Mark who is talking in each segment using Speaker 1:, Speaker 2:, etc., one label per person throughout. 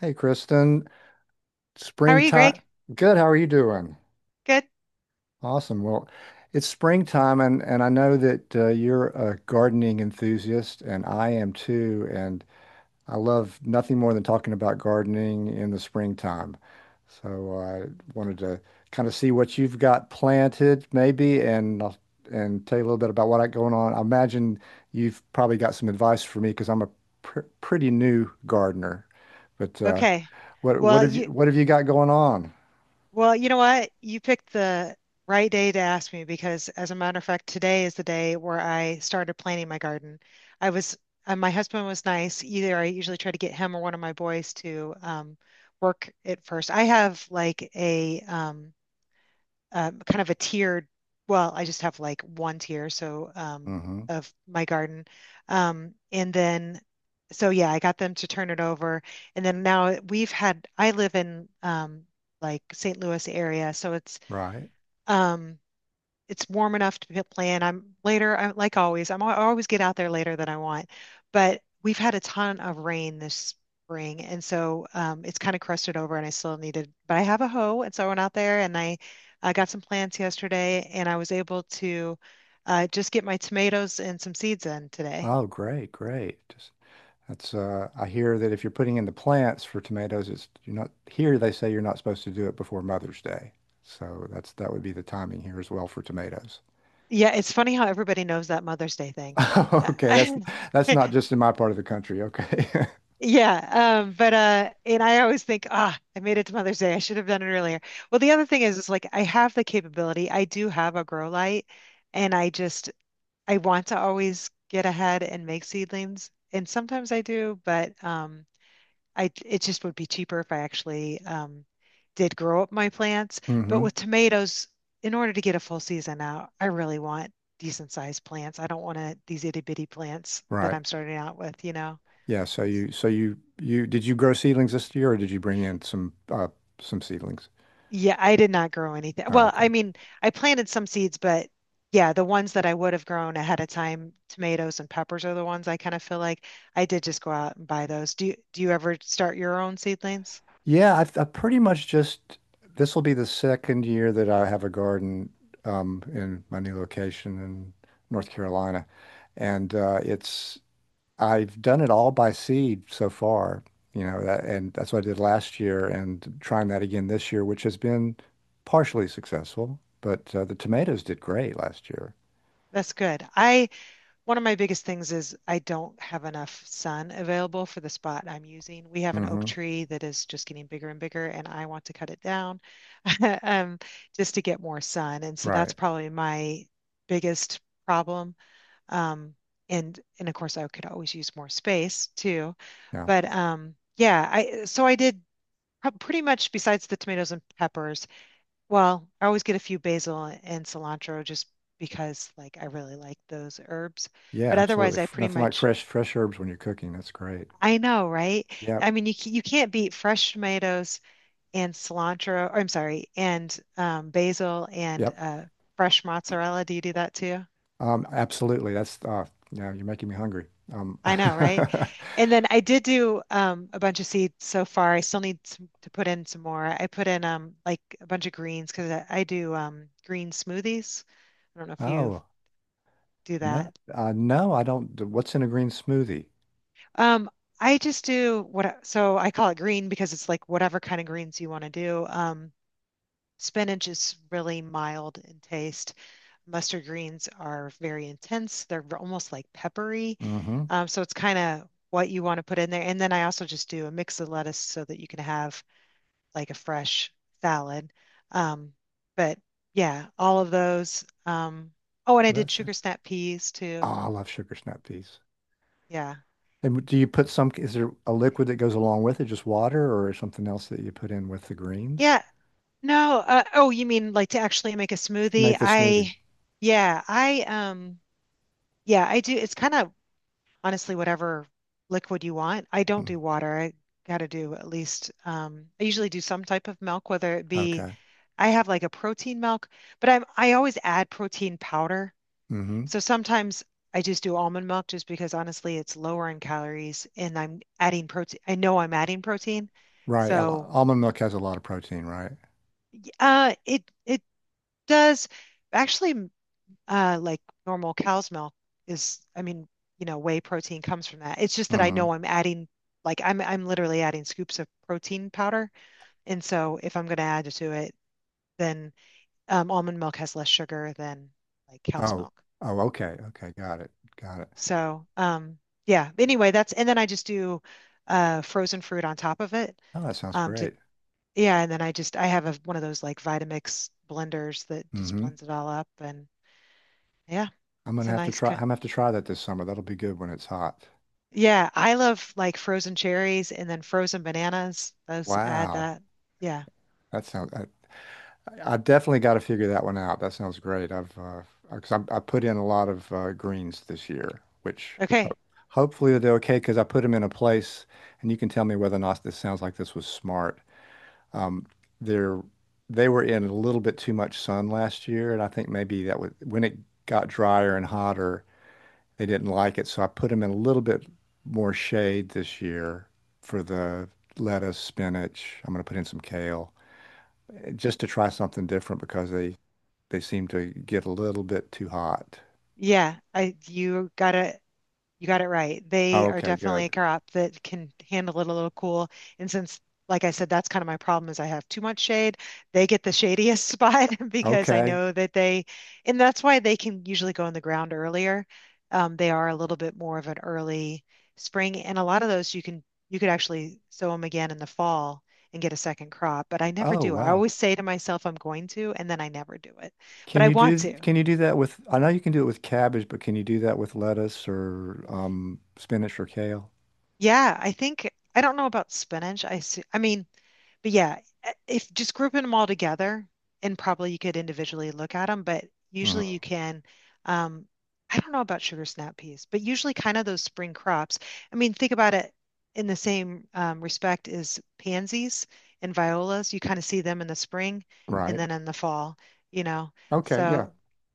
Speaker 1: Hey, Kristen.
Speaker 2: How are you,
Speaker 1: Springtime.
Speaker 2: Greg?
Speaker 1: Good. How are you doing?
Speaker 2: Good?
Speaker 1: Awesome. Well, it's springtime, and I know that you're a gardening enthusiast, and I am too. And I love nothing more than talking about gardening in the springtime. So I wanted to kind of see what you've got planted, maybe, and tell you a little bit about what I got going on. I imagine you've probably got some advice for me because I'm a pr pretty new gardener, but
Speaker 2: Okay.
Speaker 1: what what
Speaker 2: Well,
Speaker 1: have you
Speaker 2: you
Speaker 1: what have you got going on?
Speaker 2: well, you know what? You picked the right day to ask me because as a matter of fact, today is the day where I started planting my garden. I was my husband was nice. Either I usually try to get him or one of my boys to work it first. I have like a kind of a tiered. Well, I just have like one tier, so
Speaker 1: Hmm.
Speaker 2: of my garden. And then, so yeah, I got them to turn it over. And then now we've had, I live in like St. Louis area, so
Speaker 1: Right.
Speaker 2: um, it's warm enough to play in. I'm later, like always, I always get out there later than I want. But we've had a ton of rain this spring, and so it's kind of crusted over, and I still needed. But I have a hoe, and so I went out there and I got some plants yesterday, and I was able to just get my tomatoes and some seeds in today.
Speaker 1: Oh, great, great. Just that's I hear that if you're putting in the plants for tomatoes, it's you're not here they say you're not supposed to do it before Mother's Day. So that would be the timing here as well for tomatoes.
Speaker 2: Yeah, it's funny how everybody knows that Mother's Day thing.
Speaker 1: Okay,
Speaker 2: I
Speaker 1: that's not just in my part of the country. Okay.
Speaker 2: Yeah, but and I always think, ah, I made it to Mother's Day. I should have done it earlier. Well, the other thing is like I have the capability. I do have a grow light, and I want to always get ahead and make seedlings, and sometimes I do, but I it just would be cheaper if I actually did grow up my plants. But
Speaker 1: Hmm.
Speaker 2: with tomatoes, in order to get a full season out, I really want decent sized plants. I don't want to these itty bitty plants that
Speaker 1: Right.
Speaker 2: I'm starting out with, you know.
Speaker 1: Yeah, so you did you grow seedlings this year or did you bring in some seedlings?
Speaker 2: Yeah, I did not grow anything.
Speaker 1: Oh,
Speaker 2: Well,
Speaker 1: okay.
Speaker 2: I mean, I planted some seeds, but yeah, the ones that I would have grown ahead of time, tomatoes and peppers are the ones I kind of feel like I did just go out and buy those. Do you ever start your own seedlings?
Speaker 1: Yeah, I pretty much just, this will be the second year that I have a garden in my new location in North Carolina, and it's I've done it all by seed so far, you know, that, and that's what I did last year, and trying that again this year, which has been partially successful, but the tomatoes did great last year.
Speaker 2: That's good. I One of my biggest things is I don't have enough sun available for the spot I'm using. We have an oak
Speaker 1: Hmm.
Speaker 2: tree that is just getting bigger and bigger, and I want to cut it down um, just to get more sun. And so that's
Speaker 1: Right.
Speaker 2: probably my biggest problem. Um, and of course I could always use more space too.
Speaker 1: Yeah.
Speaker 2: But yeah, I so I did pretty much besides the tomatoes and peppers. Well, I always get a few basil and cilantro just because like I really like those herbs.
Speaker 1: Yeah,
Speaker 2: But
Speaker 1: absolutely.
Speaker 2: otherwise, I pretty
Speaker 1: Nothing like
Speaker 2: much
Speaker 1: fresh herbs when you're cooking. That's great.
Speaker 2: I know, right?
Speaker 1: Yep.
Speaker 2: I mean, you can't beat fresh tomatoes and cilantro. Or, I'm sorry, and basil and
Speaker 1: Yep.
Speaker 2: fresh mozzarella. Do you do that too?
Speaker 1: Absolutely. That's yeah, you're making me hungry. Um
Speaker 2: I know, right? And then I did do a bunch of seeds so far. I still need some, to put in some more. I put in like a bunch of greens because I do green smoothies. I don't know if you
Speaker 1: oh,
Speaker 2: do that.
Speaker 1: no, I don't d- what's in a green smoothie?
Speaker 2: Um, I just do what, so I call it green because it's like whatever kind of greens you want to do. Spinach is really mild in taste. Mustard greens are very intense. They're almost like peppery.
Speaker 1: Mm-hmm.
Speaker 2: So it's kind of what you want to put in there. And then I also just do a mix of lettuce so that you can have like a fresh salad. Um, but yeah, all of those. Oh, and I did
Speaker 1: That's it.
Speaker 2: sugar snap peas
Speaker 1: Oh,
Speaker 2: too.
Speaker 1: I love sugar snap peas.
Speaker 2: Yeah.
Speaker 1: And do you put some, is there a liquid that goes along with it, just water or is something else that you put in with the greens?
Speaker 2: Yeah. No. Oh, you mean like to actually make a smoothie?
Speaker 1: Make the smoothie.
Speaker 2: Yeah, yeah, I do. It's kind of honestly whatever liquid you want. I don't
Speaker 1: Mm,
Speaker 2: do water. I got to do at least I usually do some type of milk, whether it be
Speaker 1: Okay.
Speaker 2: I have like a protein milk, but I always add protein powder.
Speaker 1: Mm-hmm.
Speaker 2: So sometimes I just do almond milk just because honestly it's lower in calories and I'm adding protein. I know I'm adding protein.
Speaker 1: Right.
Speaker 2: So
Speaker 1: Almond milk has a lot of protein, right?
Speaker 2: it does actually like normal cow's milk is, I mean, you know, whey protein comes from that. It's just that I know
Speaker 1: Mm-hmm.
Speaker 2: I'm adding, like I'm literally adding scoops of protein powder, and so if I'm going to add to it, then almond milk has less sugar than like cow's
Speaker 1: Oh.
Speaker 2: milk.
Speaker 1: Oh, okay. Okay, got it. Got it.
Speaker 2: So yeah. Anyway, that's and then I just do frozen fruit on top of it
Speaker 1: Oh, that sounds
Speaker 2: to
Speaker 1: great.
Speaker 2: yeah, and then I have a, one of those like Vitamix blenders that just
Speaker 1: Mm-hmm.
Speaker 2: blends it all up, and yeah,
Speaker 1: I'm
Speaker 2: it's
Speaker 1: gonna
Speaker 2: a
Speaker 1: have to
Speaker 2: nice
Speaker 1: try. I'm
Speaker 2: kind.
Speaker 1: gonna have to try that this summer. That'll be good when it's hot.
Speaker 2: Yeah, I love like frozen cherries and then frozen bananas. Those add
Speaker 1: Wow,
Speaker 2: that. Yeah.
Speaker 1: that sounds. I definitely got to figure that one out. That sounds great. I've because I put in a lot of greens this year, which
Speaker 2: Okay.
Speaker 1: hopefully they're okay because I put them in a place, and you can tell me whether or not this sounds like this was smart. Um, they're they were in a little bit too much sun last year, and I think maybe that was when it got drier and hotter. They didn't like it, so I put them in a little bit more shade this year for the lettuce, spinach. I'm going to put in some kale just to try something different because they seem to get a little bit too hot.
Speaker 2: Yeah, I you gotta you got it right. They
Speaker 1: Oh,
Speaker 2: are
Speaker 1: okay,
Speaker 2: definitely a
Speaker 1: good.
Speaker 2: crop that can handle it a little cool. And since, like I said, that's kind of my problem is I have too much shade. They get the shadiest spot because I
Speaker 1: Okay.
Speaker 2: know that they, and that's why they can usually go in the ground earlier. They are a little bit more of an early spring, and a lot of those you can you could actually sow them again in the fall and get a second crop. But I never
Speaker 1: Oh,
Speaker 2: do. I
Speaker 1: wow.
Speaker 2: always say to myself I'm going to, and then I never do it. But I want to.
Speaker 1: Can you do that with, I know you can do it with cabbage, but can you do that with lettuce or spinach or kale?
Speaker 2: Yeah, I think I don't know about spinach. I see, I mean, but yeah, if just grouping them all together, and probably you could individually look at them, but usually you
Speaker 1: Hmm.
Speaker 2: can. Um, I don't know about sugar snap peas, but usually kind of those spring crops. I mean, think about it in the same respect as pansies and violas. You kind of see them in the spring and
Speaker 1: Right.
Speaker 2: then in the fall, you know.
Speaker 1: Okay, yeah.
Speaker 2: So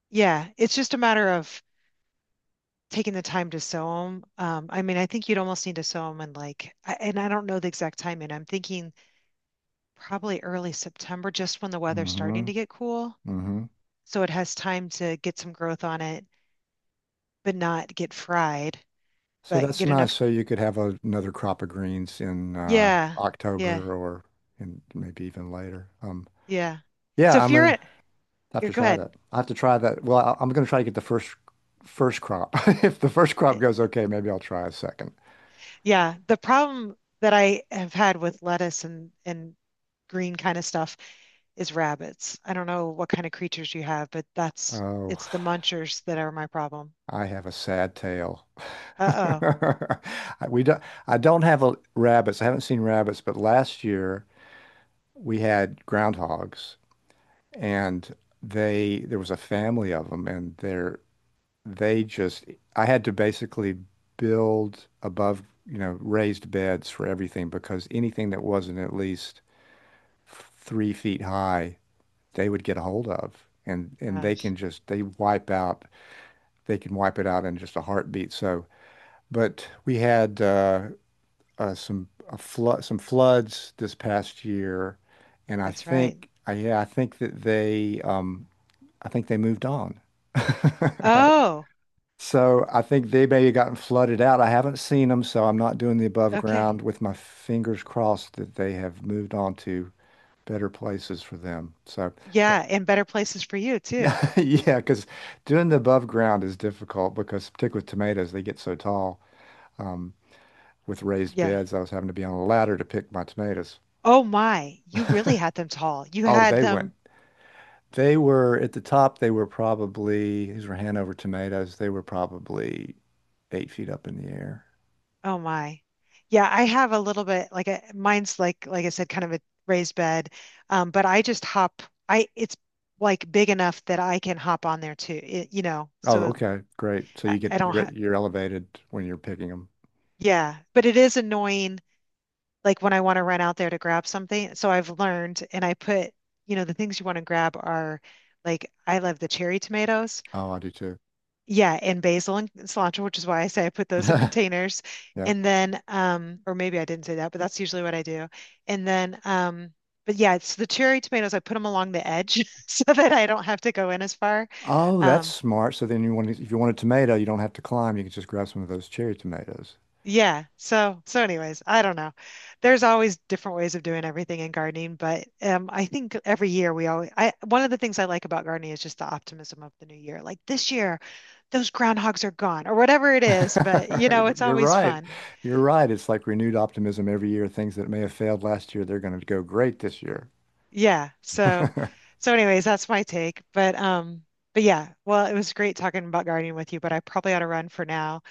Speaker 2: yeah, it's just a matter of taking the time to sew them. I mean, I think you'd almost need to sew them in like, and I don't know the exact timing. I'm thinking probably early September, just when the weather's starting
Speaker 1: Mm-hmm.
Speaker 2: to get cool.
Speaker 1: Mm-hmm.
Speaker 2: So it has time to get some growth on it, but not get fried,
Speaker 1: So
Speaker 2: but
Speaker 1: that's
Speaker 2: get
Speaker 1: nice.
Speaker 2: enough.
Speaker 1: So
Speaker 2: gr-
Speaker 1: you could have a, another crop of greens in
Speaker 2: Yeah, yeah,
Speaker 1: October or in maybe even later.
Speaker 2: yeah. So
Speaker 1: Yeah,
Speaker 2: if
Speaker 1: I'm
Speaker 2: you're
Speaker 1: gonna
Speaker 2: at,
Speaker 1: have
Speaker 2: you
Speaker 1: to
Speaker 2: go
Speaker 1: try
Speaker 2: ahead.
Speaker 1: that. I have to try that. Well, I'm gonna try to get the first crop. If the first crop
Speaker 2: Eh,
Speaker 1: goes okay, maybe I'll try a second.
Speaker 2: yeah, the problem that I have had with lettuce and green kind of stuff is rabbits. I don't know what kind of creatures you have, but that's
Speaker 1: Oh,
Speaker 2: it's the munchers that are my problem.
Speaker 1: I have a sad tale.
Speaker 2: Uh-oh.
Speaker 1: We don't. I don't have a, rabbits. I haven't seen rabbits, but last year we had groundhogs, and they there was a family of them, and they're they just I had to basically build above, you know, raised beds for everything because anything that wasn't at least 3 feet high, they would get a hold of. And
Speaker 2: Uh,
Speaker 1: they can just they wipe out, they can wipe it out in just a heartbeat. So, but we had some floods this past year, and
Speaker 2: that's right.
Speaker 1: I think that they I think they moved on. I
Speaker 2: Oh,
Speaker 1: So I think they may have gotten flooded out. I haven't seen them, so I'm not doing the above
Speaker 2: okay.
Speaker 1: ground, with my fingers crossed that they have moved on to better places for them. So, but
Speaker 2: Yeah, and better places for you too.
Speaker 1: yeah, because doing the above ground is difficult because particularly with tomatoes, they get so tall. Um, with raised
Speaker 2: Yeah.
Speaker 1: beds, I was having to be on a ladder to pick my tomatoes.
Speaker 2: Oh my, you really had them tall. You
Speaker 1: Oh,
Speaker 2: had
Speaker 1: they went.
Speaker 2: them.
Speaker 1: They were at the top. They were probably, these were Hanover tomatoes. They were probably 8 feet up in the air.
Speaker 2: Oh my. Yeah, I have a little bit like a, mine's like I said kind of a raised bed. But I just hop I it's like big enough that I can hop on there too. It, you know,
Speaker 1: Oh,
Speaker 2: so
Speaker 1: okay, great. So you
Speaker 2: I
Speaker 1: get,
Speaker 2: don't ha
Speaker 1: you're elevated when you're picking them.
Speaker 2: yeah, but it is annoying like when I want to run out there to grab something. So I've learned, and I put, you know, the things you want to grab are like I love the cherry tomatoes.
Speaker 1: Oh, I do too.
Speaker 2: Yeah, and basil and cilantro, which is why I say I put those in containers.
Speaker 1: Yep.
Speaker 2: And then, or maybe I didn't say that, but that's usually what I do. And then, but yeah, it's the cherry tomatoes. I put them along the edge so that I don't have to go in as far.
Speaker 1: Oh, that's
Speaker 2: Um,
Speaker 1: smart. So then you want to, if you want a tomato, you don't have to climb. You can just grab some of those cherry tomatoes.
Speaker 2: Yeah. So, so anyways, I don't know. There's always different ways of doing everything in gardening, but I think every year we always, one of the things I like about gardening is just the optimism of the new year. Like this year, those groundhogs are gone or whatever it is, but you know, it's
Speaker 1: You're
Speaker 2: always
Speaker 1: right.
Speaker 2: fun.
Speaker 1: You're right. It's like renewed optimism every year. Things that may have failed last year, they're going to go great this year.
Speaker 2: Yeah. So, so anyways, that's my take. But, yeah, well, it was great talking about gardening with you, but I probably ought to run for now.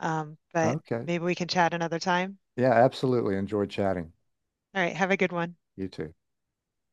Speaker 2: But
Speaker 1: Okay.
Speaker 2: maybe we can chat another time.
Speaker 1: Yeah, absolutely. Enjoy chatting.
Speaker 2: All right. Have a good one.
Speaker 1: You too.